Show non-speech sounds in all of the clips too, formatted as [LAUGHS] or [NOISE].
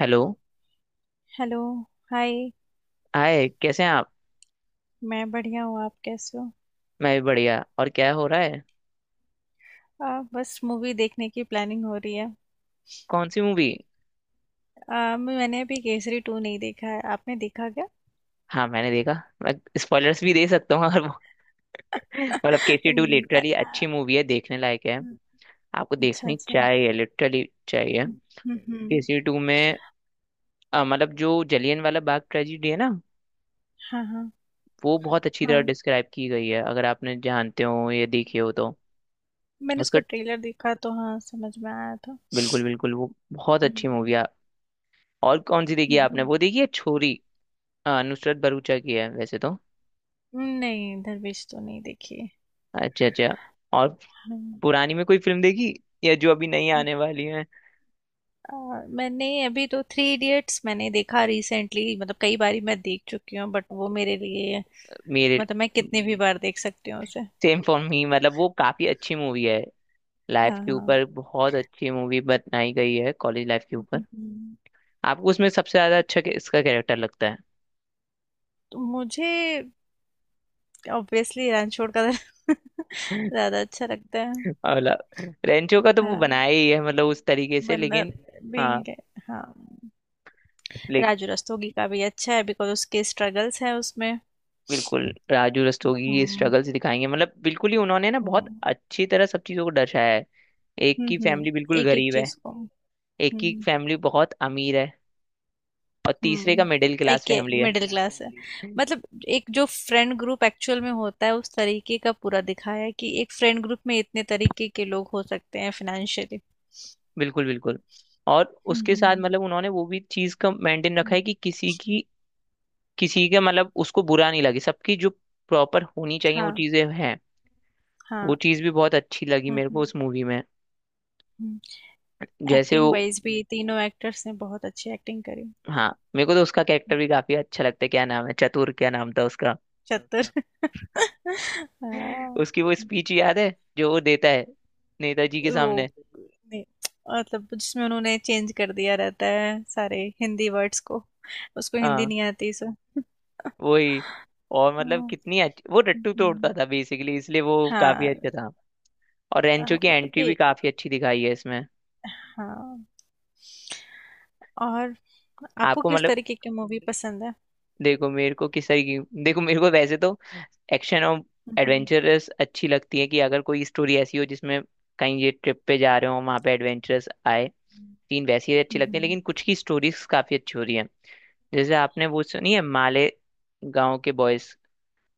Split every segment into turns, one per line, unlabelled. Hello.
Hello. Hi.
Hi, कैसे हैं आप?
मैं बढ़िया हूँ। आप कैसे हो?
मैं भी बढ़िया। और क्या हो रहा है?
बस मूवी देखने की प्लानिंग हो रही है।
कौन सी मूवी?
मैंने अभी केसरी टू नहीं देखा है। आपने देखा क्या?
हाँ मैंने देखा। मैं स्पॉयलर्स भी दे सकता हूँ अगर वो [LAUGHS] मतलब
[LAUGHS]
केसी टू
इन-
लिटरली
आ-
अच्छी मूवी है, देखने लायक है।
आ-
आपको
अच्छा,
देखनी
अच्छा।
चाहिए, लिटरली चाहिए।
हम्म, हम्म।
केसी टू में मतलब जो जलियन वाला बाग ट्रेजिडी है ना,
हाँ, हाँ।
वो बहुत अच्छी तरह
हाँ,
डिस्क्राइब की गई है, अगर आपने जानते हो या देखी हो तो।
मैंने
उसका
उसका ट्रेलर देखा तो हाँ समझ में आया था।
बिल्कुल बिल्कुल वो बहुत
हम्म,
अच्छी मूवी है। और कौन सी देखी है आपने?
हम्म।
वो देखी है छोरी? नुसरत भरूचा की है वैसे तो।
हम्म। नहीं, दरवेश तो नहीं देखी।
अच्छा अच्छा। और
हाँ।
पुरानी में कोई फिल्म देखी, या जो अभी नई आने वाली है?
मैंने अभी तो थ्री इडियट्स मैंने देखा रिसेंटली, मतलब कई बारी मैं देख चुकी हूँ, बट वो मेरे लिए
मेरे
मतलब मैं कितनी भी बार देख सकती हूँ उसे।
सेम फॉर मी, मतलब वो काफी अच्छी मूवी है। लाइफ
हाँ,
के
हाँ।
ऊपर बहुत अच्छी मूवी बनाई गई है, कॉलेज लाइफ के ऊपर।
हम्म।
आपको उसमें सबसे ज्यादा अच्छा इसका कैरेक्टर लगता है?
तो मुझे ऑब्वियसली रणछोड़ का [LAUGHS]
[LAUGHS]
ज्यादा अच्छा लगता है।
मतलब रेंचो का तो वो
हाँ,
बनाया ही है मतलब उस तरीके से,
वरना
लेकिन
being,
हाँ
हाँ।
ले
राजू रस्तोगी का भी अच्छा है बिकॉज उसके स्ट्रगल्स हैं उसमें।
बिल्कुल। राजू रस्तोगी की
हम्म,
स्ट्रगल्स दिखाएंगे मतलब बिल्कुल ही उन्होंने ना बहुत
हम्म,
अच्छी तरह सब चीजों को दर्शाया है। एक की
हम्म।
फैमिली बिल्कुल
एक एक
गरीब है,
चीज को।
एक की
हम्म,
फैमिली बहुत अमीर है, और तीसरे का मिडिल
हम्म। एक
क्लास
के
फैमिली
तभी
है।
मिडिल क्लास है जी।
[LAUGHS]
मतलब एक जो फ्रेंड ग्रुप एक्चुअल में होता है उस तरीके का पूरा दिखाया है कि एक फ्रेंड ग्रुप में इतने तरीके के लोग हो सकते हैं, फाइनेंशियली।
बिल्कुल बिल्कुल। और उसके साथ
हम्म,
मतलब उन्होंने वो भी चीज का मेंटेन रखा है
हम्म,
कि किसी की, किसी के मतलब उसको बुरा नहीं लगे, सबकी जो प्रॉपर होनी चाहिए वो
हाँ,
चीजें हैं। वो
हाँ,
चीज भी बहुत अच्छी लगी मेरे को
हम्म।
उस मूवी में, जैसे
एक्टिंग
वो
वाइज भी तीनों एक्टर्स ने बहुत अच्छी एक्टिंग करी।
हाँ। मेरे को तो उसका कैरेक्टर
हम्म।
भी काफी अच्छा लगता है, क्या नाम है चतुर, क्या नाम था उसका? [LAUGHS]
चतुर। [LAUGHS] हाँ।
उसकी वो
हम्म।
स्पीच याद है जो वो देता है नेताजी के
वो
सामने?
ने- मतलब जिसमें उन्होंने चेंज कर दिया रहता है सारे हिंदी वर्ड्स को। उसको हिंदी
हाँ
नहीं आती, सो।
वही। और मतलब
हाँ।
कितनी अच्छी वो टट्टू तोड़ता
हम्म।
था बेसिकली, इसलिए वो काफी
हाँ।
अच्छा था। और
अ,
रेंचो की
मतलब
एंट्री
पे।
भी काफी अच्छी दिखाई है इसमें।
हाँ। और आपको
आपको
किस
मतलब,
तरीके की मूवी पसंद है?
देखो मेरे को किस तरीके की, देखो मेरे को वैसे तो एक्शन और
हम्म,
एडवेंचरस अच्छी लगती है, कि अगर कोई स्टोरी ऐसी हो जिसमें कहीं ये ट्रिप पे जा रहे हो, वहां पे एडवेंचरस आए। तीन वैसी अच्छी लगती है,
हम्म।
लेकिन कुछ की स्टोरीज काफी अच्छी हो रही है। जैसे आपने वो सुनी है माले गांव के बॉयज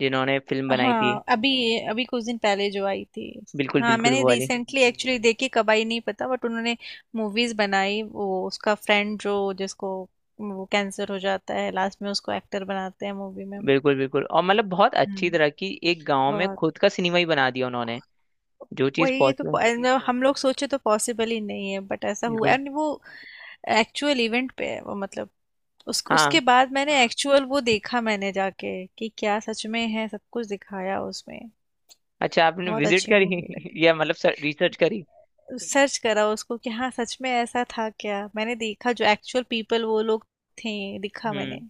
जिन्होंने फिल्म बनाई थी?
हाँ, अभी अभी कुछ दिन पहले जो आई थी।
बिल्कुल
हाँ,
बिल्कुल
मैंने
वो वाली।
रिसेंटली एक्चुअली देखी, कब आई नहीं पता, बट उन्होंने मूवीज बनाई। वो उसका फ्रेंड जो जिसको वो कैंसर हो जाता है लास्ट में, उसको एक्टर बनाते हैं मूवी में।
बिल्कुल बिल्कुल। और मतलब बहुत अच्छी
हम्म।
तरह की एक गांव में
बहुत।
खुद का सिनेमा ही बना दिया उन्होंने। जो चीज
वही ये तो
पॉसिबल,
मतलब हम लोग सोचे तो पॉसिबल ही नहीं है, बट ऐसा हुआ है,
बिल्कुल।
और वो एक्चुअल इवेंट पे है वो, मतलब उस
हाँ
उसके बाद मैंने एक्चुअल वो देखा, मैंने जाके कि क्या सच में है सब कुछ दिखाया उसमें।
अच्छा आपने
बहुत
विजिट
अच्छी
करी?
मूवी
[LAUGHS]
लगी।
या मतलब रिसर्च करी?
सर्च करा उसको कि हाँ सच में ऐसा था क्या, मैंने देखा जो एक्चुअल पीपल वो लोग थे, दिखा मैंने।
हम्म।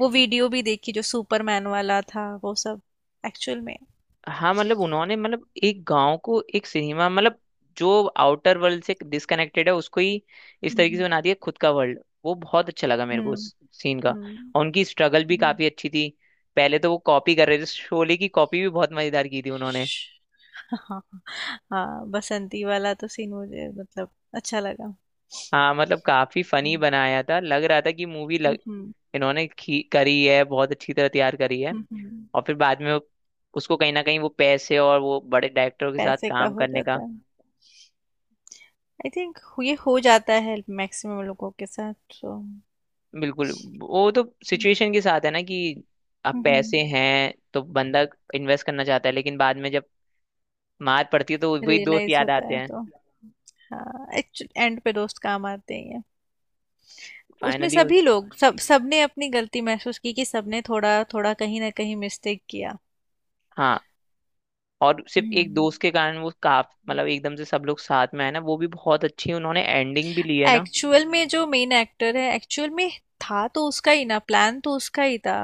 वो वीडियो भी देखी जो सुपरमैन वाला था वो सब एक्चुअल में।
हाँ मतलब उन्होंने मतलब एक गांव को एक सिनेमा, मतलब जो आउटर वर्ल्ड से डिस्कनेक्टेड है उसको ही इस तरीके से
हम्म,
बना दिया खुद का वर्ल्ड। वो बहुत अच्छा लगा मेरे को
हम्म,
उस सीन का।
हम्म।
और उनकी स्ट्रगल भी काफी
हम्म।
अच्छी थी। पहले तो वो कॉपी कर रहे थे, शोले की कॉपी भी बहुत मजेदार की थी उन्होंने।
[LAUGHS] हाँ, हाँ, बसंती वाला तो सीन मुझे मतलब अच्छा लगा।
हाँ मतलब काफी फनी
हम्म,
बनाया था, लग रहा था कि मूवी लग,
हम्म,
इन्होंने करी है, बहुत अच्छी तरह तैयार करी है।
हम्म।
और फिर बाद में वो, उसको कहीं ना कहीं वो पैसे और वो बड़े डायरेक्टरों के साथ
पैसे का
काम
हो
करने
जाता
का,
है, आई थिंक। ये हो जाता है मैक्सिमम लोगों के साथ। तो
बिल्कुल। वो तो सिचुएशन के साथ है ना कि अब
हम्म।
पैसे हैं तो बंदा इन्वेस्ट करना चाहता है, लेकिन बाद में जब मार पड़ती है तो वही दोस्त
रियलाइज
याद
होता
आते
है
हैं।
तो। हाँ, एंड पे दोस्त काम आते ही हैं। उसमें
फाइनली उस
सभी लोग सब सबने अपनी गलती महसूस की कि सबने थोड़ा थोड़ा कहीं ना कहीं मिस्टेक किया।
हाँ। और सिर्फ एक
हम्म।
दोस्त के कारण वो काफ मतलब एकदम से सब लोग साथ में आए ना, वो भी बहुत अच्छी उन्होंने एंडिंग भी ली है ना।
एक्चुअल में जो मेन एक्टर है एक्चुअल में था, तो उसका ही ना प्लान, तो उसका ही था।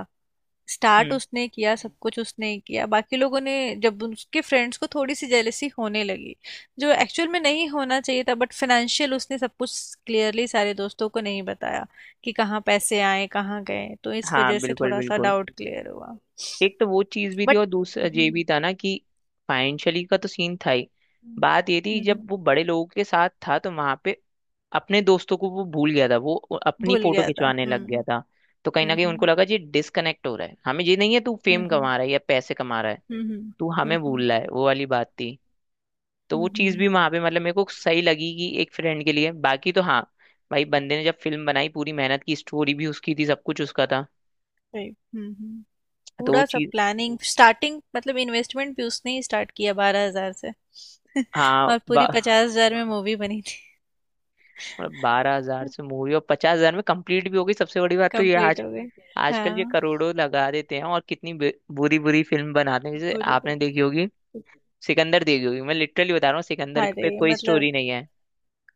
स्टार्ट
हम्म।
उसने किया, सब कुछ उसने ही किया, बाकी लोगों ने जब उसके फ्रेंड्स को थोड़ी सी जेलेसी होने लगी जो एक्चुअल में नहीं होना चाहिए था, बट फाइनेंशियल उसने सब कुछ क्लियरली सारे दोस्तों को नहीं बताया कि कहाँ पैसे आए कहाँ गए, तो इस
हाँ
वजह से
बिल्कुल
थोड़ा सा
बिल्कुल।
डाउट क्लियर हुआ।
एक तो वो चीज भी थी
बट
और दूसरा ये
हम्म,
भी था ना कि फाइनेंशियली का तो सीन था ही।
हम्म,
बात ये थी जब
हम्म,
वो बड़े लोगों के साथ था तो वहां पे अपने दोस्तों को वो भूल गया था, वो अपनी
भूल
फोटो
गया था,
खिंचवाने लग गया
हम्म,
था। तो कहीं ना कहीं उनको
हम्म,
लगा जी डिस्कनेक्ट हो रहा है, हमें ये नहीं है, तू
हम्म,
फेम
हम्म,
कमा रहा है या पैसे कमा रहा है,
हम्म,
तू
हम्म,
हमें
हम्म,
भूल रहा है, वो वाली बात थी। तो वो
हम्म,
चीज भी
हम्म,
वहां पे मतलब मेरे को सही लगी कि एक फ्रेंड के लिए बाकी तो हाँ भाई, बंदे ने जब फिल्म बनाई पूरी मेहनत की, स्टोरी भी उसकी थी, सब कुछ उसका था।
सही, हम्म, हम्म।
तो वो
पूरा सब
चीज
प्लानिंग स्टार्टिंग, मतलब इन्वेस्टमेंट भी उसने ही स्टार्ट किया 12,000 से। [LAUGHS]
हाँ।
और पूरी 50,000 में मूवी बनी थी।
मतलब 12,000 से मूवी और 50,000 में कंप्लीट भी हो गई, सबसे बड़ी बात तो ये
कंप्लीट
आज
हो गई।
आजकल ये
हाँ,
करोड़ों लगा देते हैं और कितनी बुरी बुरी फिल्म बनाते हैं, जैसे
पूरी।
आपने देखी होगी सिकंदर देखी होगी। मैं लिटरली बता रहा हूँ, सिकंदर
अरे
पे कोई
मतलब
स्टोरी नहीं है।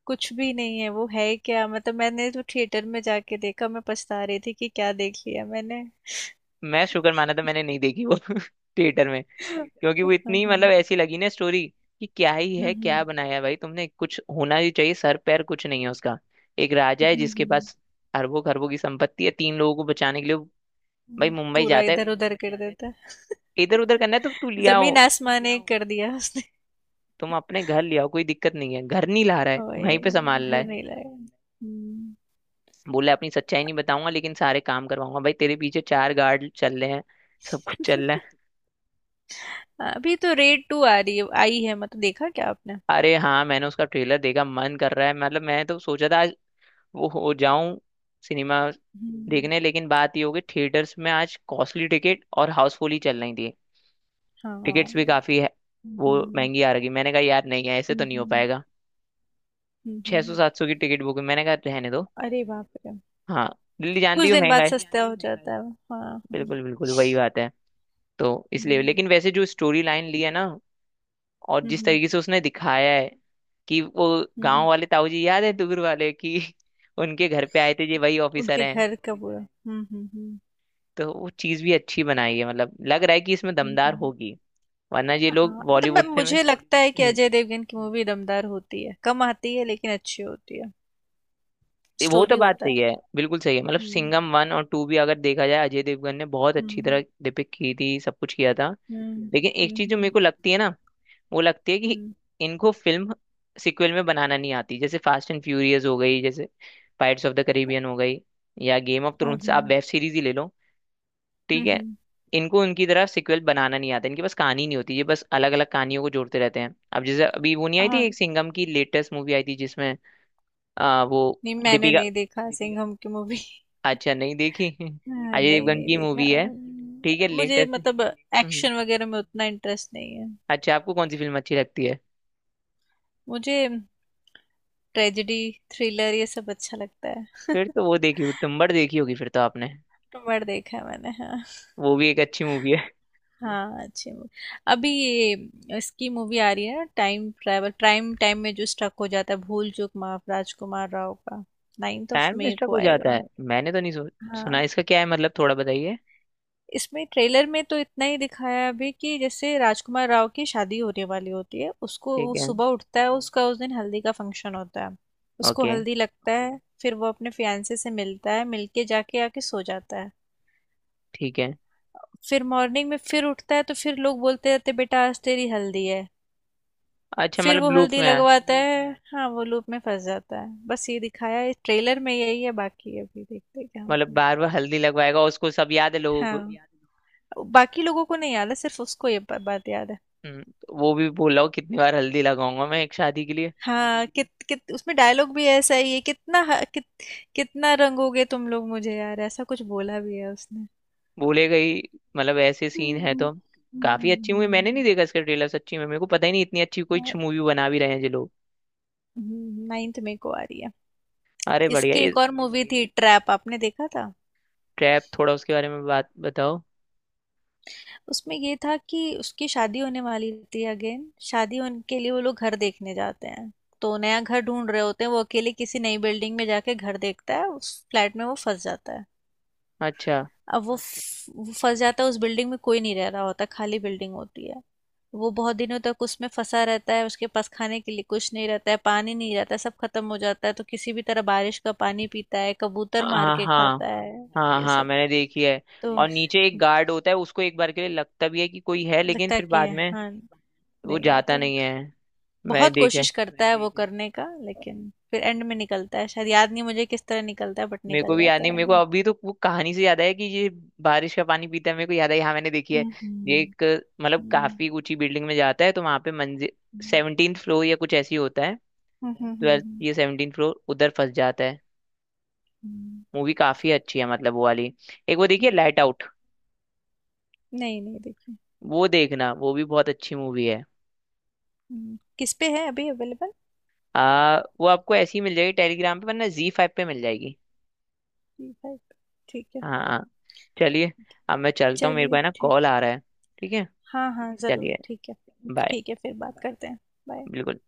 कुछ भी नहीं है, वो है क्या, मतलब मैंने तो थिएटर में जाके देखा, मैं पछता रही थी कि क्या देख लिया मैंने।
मैं शुक्र माना था मैंने नहीं देखी वो [LAUGHS] थिएटर में, क्योंकि वो
[LAUGHS] हाँ।
इतनी
हम्म,
मतलब ऐसी लगी ना स्टोरी कि क्या ही है,
हम्म,
क्या बनाया है भाई तुमने, कुछ होना ही चाहिए, सर पैर कुछ नहीं है उसका। एक राजा है जिसके
हम्म,
पास अरबों खरबों की संपत्ति है, 3 लोगों को बचाने के लिए वो भाई
हम्म।
मुंबई
पूरा
जाता है।
इधर उधर कर देता।
इधर उधर करना है तो तू लिया,
जमीन आसमान एक कर दिया उसने।
तुम अपने घर ले आओ कोई दिक्कत नहीं है, घर नहीं ला रहा है,
ओए।
वहीं पे संभाल रहा
घर
है।
नहीं लाया। हम्म।
बोला अपनी सच्चाई नहीं बताऊंगा लेकिन सारे काम करवाऊंगा, भाई तेरे पीछे 4 गार्ड चल रहे हैं, सब कुछ चल रहा
[LAUGHS]
है।
हाँ, अभी तो रेड टू आ रही है, आई है, मतलब देखा क्या आपने?
अरे हाँ मैंने उसका ट्रेलर देखा, मन कर रहा है, मतलब मैं तो सोचा था आज वो हो जाऊं सिनेमा
हम्म।
देखने, लेकिन बात ये हो गई थिएटर्स में आज कॉस्टली टिकट और हाउसफुल ही चल रही थी। टिकट्स भी
हाँ,
काफी है, वो
हम्म,
महंगी आ रही, मैंने कहा यार नहीं है ऐसे तो नहीं हो
हम्म,
पाएगा। छह सौ
हम्म।
सात सौ की टिकट बुक, मैंने कहा रहने दो।
अरे बाप रे।
हाँ, दिल्ली जानती
कुछ
हो
दिन
महंगा
बाद
है।
अभी सस्ता आई हो है जाता कल है वो। हाँ, हाँ।
बिल्कुल बिल्कुल वही बात है। तो इसलिए,
हम्म,
लेकिन वैसे जो स्टोरी लाइन ली है ना और जिस
हम्म,
तरीके से उसने दिखाया है कि वो गांव
हम्म।
वाले ताऊ जी याद है दूर वाले कि [LAUGHS] उनके घर पे आए थे ये वही ऑफिसर
उनके
हैं।
घर का ये पूरा है। हम्म, हम्म,
तो वो चीज भी अच्छी बनाई है, मतलब लग रहा है कि इसमें दमदार
हम्म।
होगी, वरना ये लोग
हाँ, मतलब अरे
बॉलीवुड
बाप
से में
मुझे रे लगता है कि
हम्म,
अजय देवगन की मूवी दमदार होती है, कम आती है लेकिन अच्छी होती है।
ये वो तो
स्टोरी
बात
होता है।
सही है, बिल्कुल सही है। मतलब
हम्म,
सिंघम 1 और 2 भी अगर देखा जाए, अजय देवगन ने बहुत अच्छी तरह
हम्म,
डिपिक्ट की थी, सब कुछ किया था,
हम्म,
लेकिन एक
हम्म, हम्म,
चीज जो मेरे
हम्म,
को लगती है ना, वो लगती है कि इनको फिल्म सिक्वल में बनाना नहीं आती। जैसे फास्ट एंड फ्यूरियस हो गई, जैसे पायरेट्स ऑफ द करेबियन हो गई, या गेम ऑफ थ्रोन्स, आप वेब सीरीज ही ले लो, ठीक
हम्म,
है।
हम्म।
इनको उनकी तरह सिक्वल बनाना नहीं आता, इनके पास कहानी नहीं होती, ये बस अलग अलग कहानियों को जोड़ते रहते हैं। अब जैसे अभी वो नहीं आई थी
हाँ,
एक सिंघम की लेटेस्ट मूवी आई थी जिसमें वो
नहीं, मैंने
दीपिका,
नहीं देखा सिंघम की मूवी।
अच्छा नहीं देखी?
[LAUGHS]
[LAUGHS] अजय
नहीं,
देवगन
नहीं
की
देखा।
मूवी है, ठीक है
मुझे
लेटेस्ट।
मतलब एक्शन वगैरह में उतना इंटरेस्ट नहीं है।
अच्छा आपको कौन सी फिल्म अच्छी लगती है?
मुझे ट्रेजेडी, थ्रिलर ये सब अच्छा लगता है।
फिर तो वो देखी होगी, तुम्बाड़ देखी होगी फिर तो आपने?
[LAUGHS] मर्ड देखा है मैंने। हाँ।
वो भी एक अच्छी मूवी है।
हाँ, अच्छी मूवी। अभी ये इसकी मूवी आ रही है ना, टाइम ट्रैवल, प्राइम टाइम में जो स्टक हो जाता है, भूल चूक माफ, राजकुमार राव का। नाइन्थ ऑफ
टाइम में
मई
स्टक
को
हो जाता
आएगा।
है? मैंने तो नहीं सुना
हाँ,
इसका, क्या है मतलब थोड़ा बताइए।
इसमें ट्रेलर में तो इतना ही दिखाया है अभी कि जैसे राजकुमार राव की शादी होने वाली होती है, उसको
ठीक
वो
है।
सुबह उठता है, उसका उस दिन हल्दी का फंक्शन होता है। उसको
ओके
हल्दी लगता है, फिर वो अपने फियांसे से मिलता है, मिलके जाके आके सो जाता है।
ठीक है।
फिर मॉर्निंग में फिर उठता है तो फिर लोग बोलते रहते बेटा आज तेरी हल्दी है।
अच्छा
फिर
मतलब
वो
लूप
हल्दी
में है?
लगवाता है, हाँ वो लूप में फंस जाता है। बस ये दिखाया है ट्रेलर में, यही है, बाकी अभी देखते हैं क्या
मतलब
होता है।
बार बार हल्दी लगवाएगा? उसको सब याद है लोगों को?
हाँ, बाकी लोगों को नहीं याद है, सिर्फ उसको ये बात याद है।
तो वो भी बोल रहा हूँ कितनी बार हल्दी लगाऊंगा मैं एक शादी के लिए।
हाँ, कित कित उसमें डायलॉग भी ऐसा ही है। कितना कितना रंगोगे तुम लोग मुझे यार, ऐसा कुछ बोला भी है उसने।
बोलेगा ही, मतलब ऐसे सीन है
हम्म,
तो काफी अच्छी मूवी। मैंने
हम्म।
नहीं देखा इसका ट्रेलर सच्ची में, मेरे को पता ही नहीं इतनी अच्छी कोई
और-
मूवी बना भी रहे हैं ये लोग।
9 में को आ रही है।
अरे बढ़िया।
इसकी एक
इस
और मूवी थी ट्रैप, आपने देखा था?
ट्रैप थोड़ा उसके बारे में बात बताओ।
उसमें ये था कि उसकी शादी होने वाली थी, अगेन शादी होने के लिए वो लोग घर देखने जाते हैं। तो नया घर ढूंढ रहे होते हैं, वो अकेले किसी नई बिल्डिंग में जाके घर देखता है, उस फ्लैट में वो फंस जाता है।
अच्छा
अब वो फंस जाता है उस बिल्डिंग में, कोई नहीं रह रहा होता, खाली बिल्डिंग होती है। वो बहुत दिनों तक उसमें फंसा रहता है, उसके पास खाने के लिए कुछ नहीं रहता है, पानी नहीं रहता है, सब खत्म हो जाता है, तो किसी भी तरह बारिश का पानी पीता है, कबूतर मार
हाँ
के
हाँ।
खाता है
हाँ
ये
हाँ
सब।
मैंने देखी है।
तो
और नीचे एक गार्ड होता है उसको एक बार के लिए लगता भी है कि कोई है, लेकिन
लगता है
फिर
कि
बाद में
हाँ।
वो
नहीं आता
जाता
है।
नहीं है। मैंने
बहुत
देखा है।
कोशिश करता है वो करने का लेकिन फिर एंड में निकलता है, शायद याद नहीं मुझे किस तरह निकलता है बट
मेरे को
निकल
भी याद
जाता
नहीं,
है
मेरे
एंड
को
में।
अभी तो वो कहानी से याद आया कि ये बारिश का पानी पीता है मेरे को याद है, हाँ मैंने देखी है। ये
हम्म,
एक मतलब
हम्म,
काफी ऊंची बिल्डिंग में जाता है तो वहां पे मंजिल
हम्म,
17 फ्लोर या कुछ ऐसी होता है,
हम्म, हम्म, हम्म,
12th या 17 फ्लोर उधर फंस जाता है।
हम्म,
मूवी काफी अच्छी है, मतलब वो वाली। एक वो देखिए,
हम्म।
लाइट आउट,
नहीं, नहीं देखिए।
वो देखना, वो भी बहुत अच्छी मूवी है।
किस पे है अभी अवेलेबल?
वो आपको ऐसी मिल जाएगी टेलीग्राम पे, वरना ZEE5 पे मिल जाएगी।
जी फाइव। ठीक है।
हाँ हाँ, चलिए। अब मैं चलता हूँ, मेरे को
चलिए,
है ना
ठीक
कॉल
है।
आ रहा है। ठीक है।
हाँ, हाँ ज़रूर,
चलिए
ठीक है।
बाय।
ठीक है, फिर बात करते हैं। बाय।
बिल्कुल।